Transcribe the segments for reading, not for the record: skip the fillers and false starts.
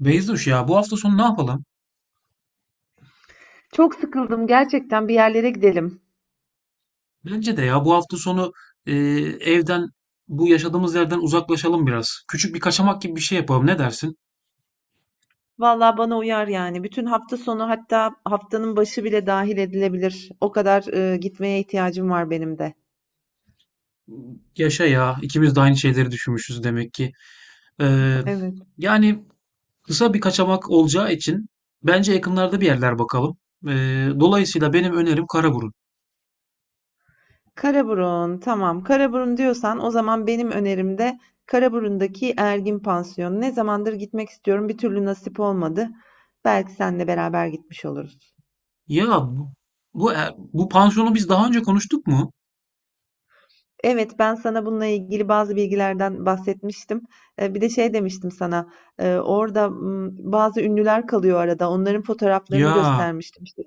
Beyzuş ya, bu hafta sonu ne yapalım? Çok sıkıldım gerçekten, bir yerlere gidelim. Bence de ya, bu hafta sonu e, evden, bu yaşadığımız yerden uzaklaşalım biraz. Küçük bir kaçamak gibi bir şey yapalım. Ne dersin? Vallahi bana uyar yani. Bütün hafta sonu, hatta haftanın başı bile dahil edilebilir. O kadar gitmeye ihtiyacım var benim de. Yaşa ya, ikimiz de aynı şeyleri düşünmüşüz demek ki. E, Evet. yani kısa bir kaçamak olacağı için bence yakınlarda bir yerler bakalım. E, dolayısıyla benim önerim Karaburun. Karaburun tamam. Karaburun diyorsan, o zaman benim önerimde Karaburun'daki Ergin Pansiyonu. Ne zamandır gitmek istiyorum, bir türlü nasip olmadı. Belki seninle beraber gitmiş oluruz. Ya bu pansiyonu biz daha önce konuştuk mu? Evet, ben sana bununla ilgili bazı bilgilerden bahsetmiştim. Bir de şey demiştim sana, orada bazı ünlüler kalıyor arada, onların fotoğraflarını Ya, göstermiştim. İşte,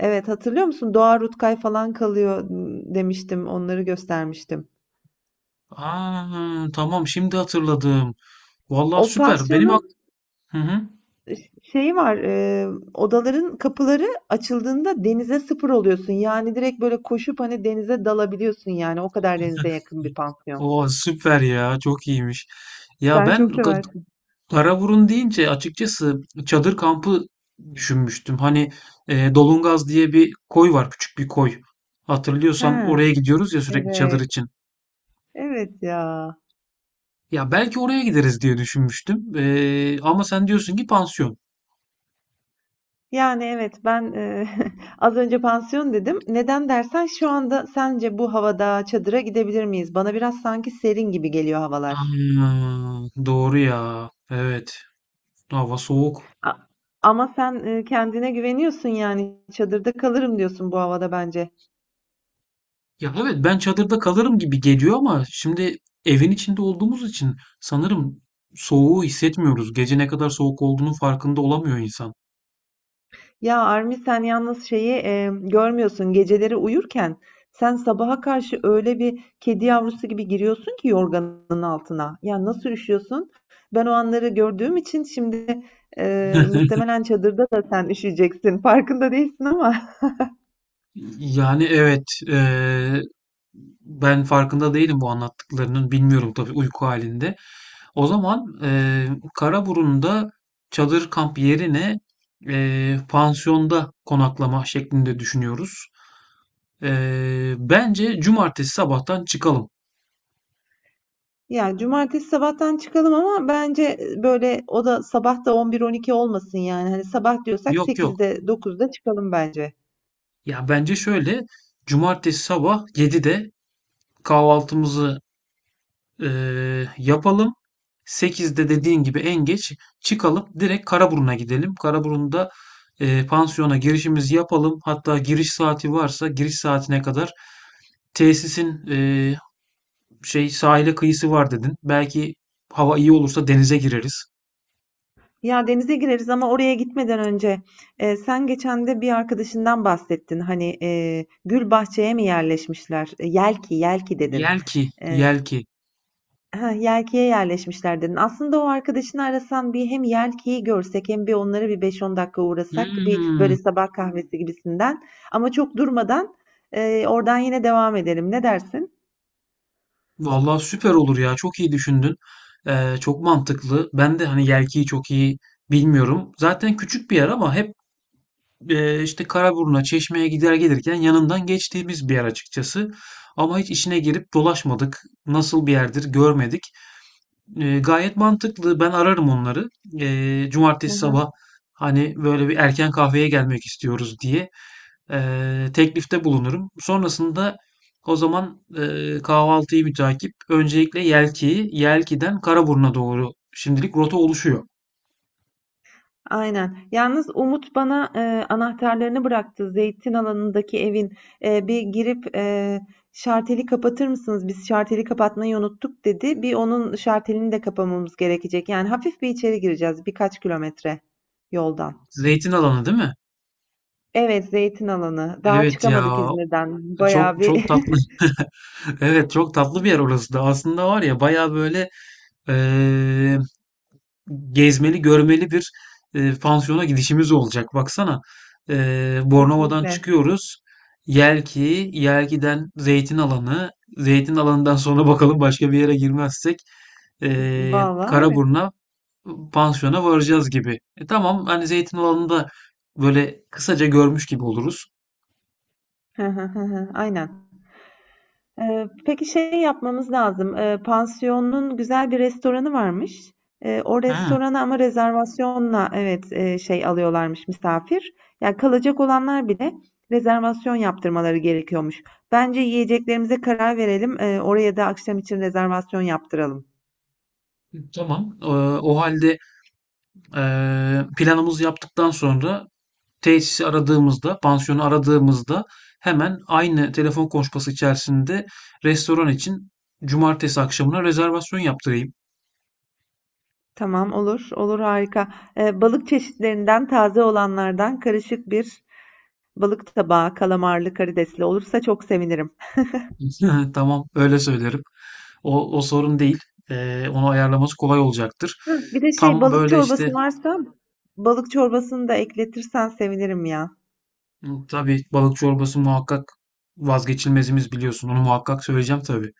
evet, hatırlıyor musun? Doğa Rutkay falan kalıyor demiştim, onları göstermiştim. aa, tamam, şimdi hatırladım. Vallahi O süper. Benim ak. pansiyonun Hı hı. şeyi var, odaların kapıları açıldığında denize sıfır oluyorsun. Yani direkt böyle koşup hani denize dalabiliyorsun yani, o kadar denize yakın bir pansiyon. Oo, süper ya. Çok iyiymiş. Ya Sen ben çok Ka-. seversin. Karaburun deyince açıkçası çadır kampı düşünmüştüm. Hani Dolungaz diye bir koy var, küçük bir koy. Hatırlıyorsan Ha, oraya gidiyoruz ya sürekli çadır evet, için. evet ya. Ya belki oraya gideriz diye düşünmüştüm. Ama sen diyorsun ki pansiyon. Yani, evet, ben, az önce pansiyon dedim. Neden dersen, şu anda sence bu havada çadıra gidebilir miyiz? Bana biraz sanki serin gibi geliyor havalar. Aa, doğru ya. Evet. Hava soğuk. A ama sen, kendine güveniyorsun, yani, çadırda kalırım diyorsun bu havada bence. Ya evet, ben çadırda kalırım gibi geliyor ama şimdi evin içinde olduğumuz için sanırım soğuğu hissetmiyoruz. Gece ne kadar soğuk olduğunun farkında olamıyor insan. Ya Armi, sen yalnız şeyi görmüyorsun. Geceleri uyurken sen sabaha karşı öyle bir kedi yavrusu gibi giriyorsun ki yorganın altına. Ya nasıl üşüyorsun? Ben o anları gördüğüm için şimdi muhtemelen çadırda da sen üşüyeceksin. Farkında değilsin ama. Yani evet, ben farkında değilim bu anlattıklarının. Bilmiyorum tabii, uyku halinde. O zaman Karaburun'da çadır kamp yerine pansiyonda konaklama şeklinde düşünüyoruz. Bence cumartesi sabahtan çıkalım. Ya cumartesi sabahtan çıkalım, ama bence böyle o da sabah da 11-12 olmasın yani. Hani sabah diyorsak Yok yok. 8'de 9'da çıkalım bence. Ya bence şöyle, cumartesi sabah 7'de kahvaltımızı yapalım. 8'de dediğin gibi en geç çıkalım. Direkt Karaburun'a gidelim. Karaburun'da pansiyona girişimizi yapalım. Hatta giriş saati varsa giriş saatine kadar tesisin şey, sahile kıyısı var dedin. Belki hava iyi olursa denize gireriz. Ya denize gireriz, ama oraya gitmeden önce sen geçen de bir arkadaşından bahsettin. Hani gül Bahçeye mi yerleşmişler? E, Yelki, Yelki dedin. Yelki, E, Yelki. ha, Yelki'ye yerleşmişler dedin. Aslında o arkadaşını arasan, bir hem Yelki'yi görsek, hem bir onlara bir 5-10 dakika uğrasak, bir Hmm. böyle sabah kahvesi gibisinden. Ama çok durmadan oradan yine devam edelim. Ne dersin? Vallahi süper olur ya. Çok iyi düşündün. Çok mantıklı. Ben de hani Yelki'yi çok iyi bilmiyorum. Zaten küçük bir yer ama hep işte Karaburun'a, Çeşme'ye gider gelirken yanından geçtiğimiz bir yer açıkçası. Ama hiç içine girip dolaşmadık. Nasıl bir yerdir görmedik. Gayet mantıklı. Ben ararım onları. Cumartesi sabah hani böyle bir erken kahveye gelmek istiyoruz diye teklifte bulunurum. Sonrasında o zaman kahvaltıyı mütakip öncelikle Yelki'yi, Yelki'den Karaburun'a doğru şimdilik rota oluşuyor. Aynen. Yalnız Umut bana anahtarlarını bıraktı. Zeytin alanındaki evin. Bir girip şarteli kapatır mısınız? Biz şarteli kapatmayı unuttuk, dedi. Bir onun şartelini de kapamamız gerekecek. Yani hafif bir içeri gireceğiz, birkaç kilometre yoldan. Zeytin alanı değil mi? Evet, zeytin alanı. Daha Evet çıkamadık ya, İzmir'den. Bayağı çok çok bir tatlı. Evet, çok tatlı bir yer orası da. Aslında var ya, baya böyle eee, gezmeli, görmeli bir pansiyona gidişimiz olacak. Baksana, Bornova'dan kesinlikle. çıkıyoruz. Yelki, Yelki'den Zeytin Alanı, Zeytin Alanı'ndan sonra bakalım başka bir yere girmezsek, e, Vallahi evet. Karaburun'a, pansiyona varacağız gibi. E, tamam, hani Zeytin Alanı'nda böyle kısaca görmüş gibi oluruz. Aynen. Peki şey yapmamız lazım, pansiyonun güzel bir restoranı varmış. O Hı, restorana ama rezervasyonla, evet, şey alıyorlarmış misafir. Yani kalacak olanlar bile rezervasyon yaptırmaları gerekiyormuş. Bence yiyeceklerimize karar verelim. Oraya da akşam için rezervasyon yaptıralım. tamam. E, o halde, e, planımızı yaptıktan sonra tesisi aradığımızda, pansiyonu aradığımızda, hemen aynı telefon konuşması içerisinde restoran için cumartesi akşamına rezervasyon yaptırayım. Tamam, olur. Olur, harika. Balık çeşitlerinden taze olanlardan karışık bir balık tabağı kalamarlı karidesli olursa çok sevinirim. Tamam, öyle söylerim. O sorun değil. Onu ayarlaması kolay olacaktır. Hah, bir de şey, Tam balık böyle işte çorbası varsa balık çorbasını da ekletirsen sevinirim ya. tabii, balık çorbası muhakkak vazgeçilmezimiz, biliyorsun. Onu muhakkak söyleyeceğim tabii.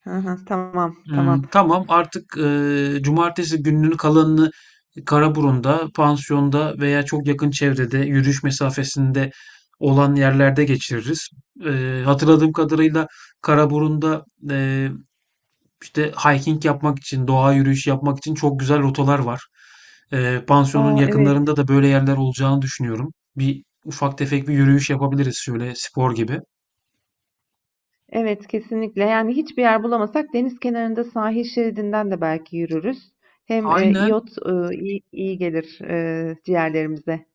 Hı hı, tamam tamam. Tamam, artık, cumartesi gününün kalanını Karaburun'da, pansiyonda veya çok yakın çevrede, yürüyüş mesafesinde olan yerlerde geçiririz. Hatırladığım kadarıyla Karaburun'da, eee, işte, hiking yapmak için, doğa yürüyüşü yapmak için çok güzel rotalar var. Pansiyonun Aa, evet. yakınlarında da böyle yerler olacağını düşünüyorum. Bir ufak tefek bir yürüyüş yapabiliriz şöyle spor gibi. Evet, kesinlikle. Yani hiçbir yer bulamasak, deniz kenarında sahil şeridinden de belki yürürüz. Hem Aynen. iyot iyi gelir ciğerlerimize.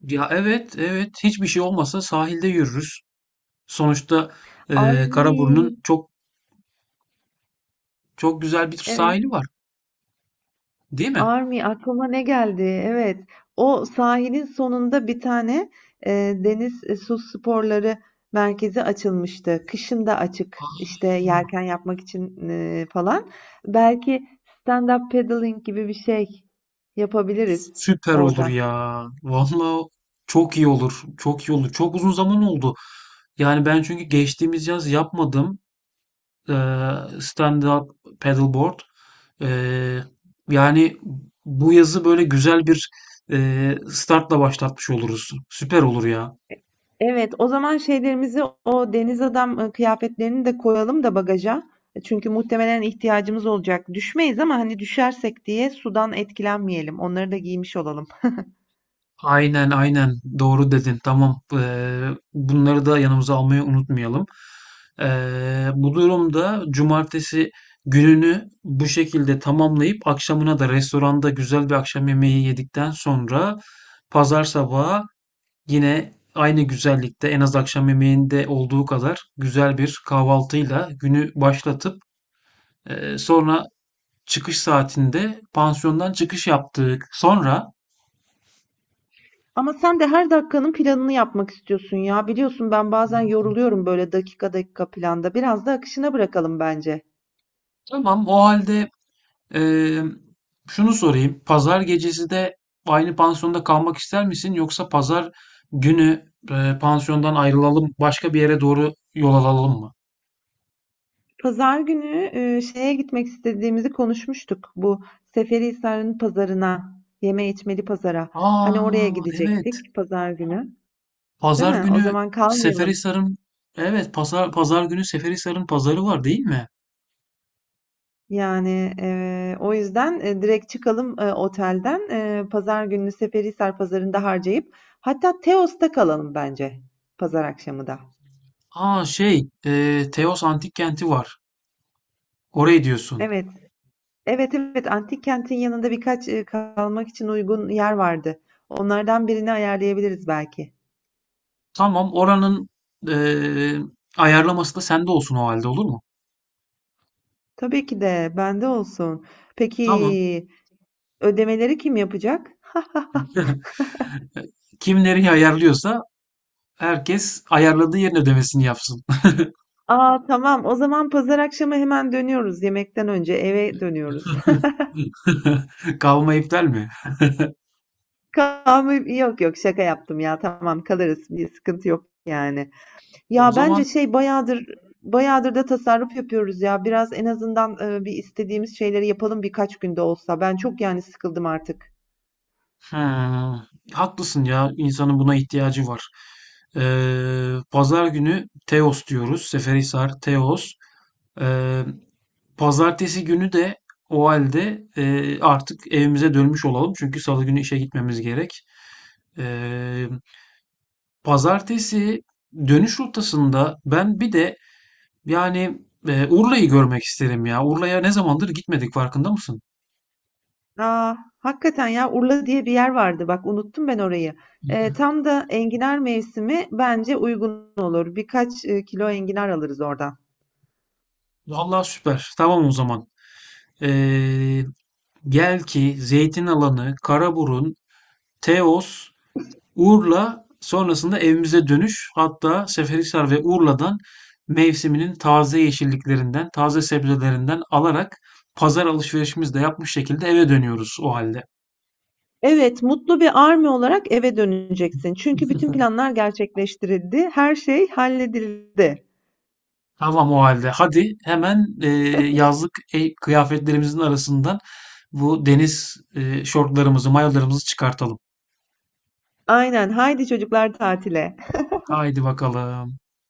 Ya, evet, evet. Hiçbir şey olmasa sahilde yürürüz. Sonuçta, Karaburun'un Arvi. çok çok güzel bir Evet. sahili var, değil mi? Army, aklıma ne geldi? Evet. O sahilin sonunda bir tane e, deniz su sporları merkezi açılmıştı. Kışın da açık, işte yelken yapmak için falan. Belki stand-up paddling gibi bir şey yapabiliriz Süper olur orada. ya. Vallahi çok iyi olur. Çok iyi olur. Çok uzun zaman oldu. Yani ben çünkü geçtiğimiz yaz yapmadım eee stand-up paddleboard. Eee, yani bu yazı böyle güzel bir startla başlatmış oluruz. Süper olur ya. Evet, o zaman şeylerimizi, o deniz adam kıyafetlerini de koyalım da bagaja. Çünkü muhtemelen ihtiyacımız olacak. Düşmeyiz, ama hani düşersek diye sudan etkilenmeyelim. Onları da giymiş olalım. Aynen aynen, doğru dedin, tamam. Bunları da yanımıza almayı unutmayalım. Bu durumda cumartesi gününü bu şekilde tamamlayıp akşamına da restoranda güzel bir akşam yemeği yedikten sonra pazar sabahı yine aynı güzellikte en az akşam yemeğinde olduğu kadar güzel bir kahvaltıyla günü başlatıp sonra çıkış saatinde pansiyondan çıkış yaptık. Sonra Ama sen de her dakikanın planını yapmak istiyorsun ya. Biliyorsun, ben bazen yoruluyorum böyle dakika dakika planda. Biraz da akışına bırakalım bence. tamam, o halde, ee, şunu sorayım. Pazar gecesi de aynı pansiyonda kalmak ister misin? Yoksa pazar günü pansiyondan ayrılalım, başka bir yere doğru yol alalım mı? Pazar günü şeye gitmek istediğimizi konuşmuştuk. Bu Seferihisar'ın pazarına, yeme içmeli pazara. Hani oraya Aa, evet. gidecektik pazar günü, değil Pazar mi? O günü zaman kalmayalım. Seferihisar'ın evet, pazar günü Seferihisar'ın pazarı var değil mi? Yani, o yüzden direkt çıkalım, otelden. E, pazar gününü Seferihisar pazarında harcayıp hatta Teos'ta kalalım bence, pazar akşamı da. Aa şey, Teos Antik Kenti var. Orayı diyorsun. Evet. Evet evet, antik kentin yanında birkaç kalmak için uygun yer vardı. Onlardan birini ayarlayabiliriz belki. Tamam, oranın e, ayarlaması da sende olsun o halde, olur mu? Tabii ki de bende olsun. Tamam. Peki, ödemeleri kim yapacak? Kim ayarlıyorsa, herkes ayarladığı yerin ödemesini yapsın. Aa, tamam, o zaman pazar akşamı hemen dönüyoruz. Yemekten önce eve dönüyoruz. Kavma iptal mi? Kahve yok yok, şaka yaptım ya, tamam kalırız, bir sıkıntı yok yani. O Ya bence zaman şey, bayağıdır bayağıdır da tasarruf yapıyoruz ya. Biraz en azından bir istediğimiz şeyleri yapalım, birkaç günde olsa. Ben çok yani sıkıldım artık. hmm, haklısın ya. İnsanın buna ihtiyacı var. Pazar günü Teos diyoruz. Seferihisar, Teos. Ee, pazartesi günü de o halde artık evimize dönmüş olalım. Çünkü salı günü işe gitmemiz gerek. Ee, pazartesi dönüş rotasında ben bir de yani, Urla'yı görmek isterim ya. Urla'ya ne zamandır gitmedik, farkında mısın? Aa, hakikaten ya, Urla diye bir yer vardı. Bak, unuttum ben orayı. Tam da enginar mevsimi, bence uygun olur. Birkaç kilo enginar alırız oradan. Vallahi süper. Tamam o zaman. Ee, gel ki Zeytinalanı, Karaburun, Teos, Urla sonrasında evimize dönüş. Hatta Seferihisar ve Urla'dan mevsiminin taze yeşilliklerinden, taze sebzelerinden alarak pazar alışverişimizi de yapmış şekilde eve dönüyoruz o halde. Evet, mutlu bir Army olarak eve döneceksin. Çünkü bütün planlar gerçekleştirildi. Her şey halledildi. Tamam o halde. Hadi hemen yazlık kıyafetlerimizin arasından bu deniz, şortlarımızı, mayolarımızı çıkartalım. Aynen. Haydi çocuklar, tatile. Haydi bakalım.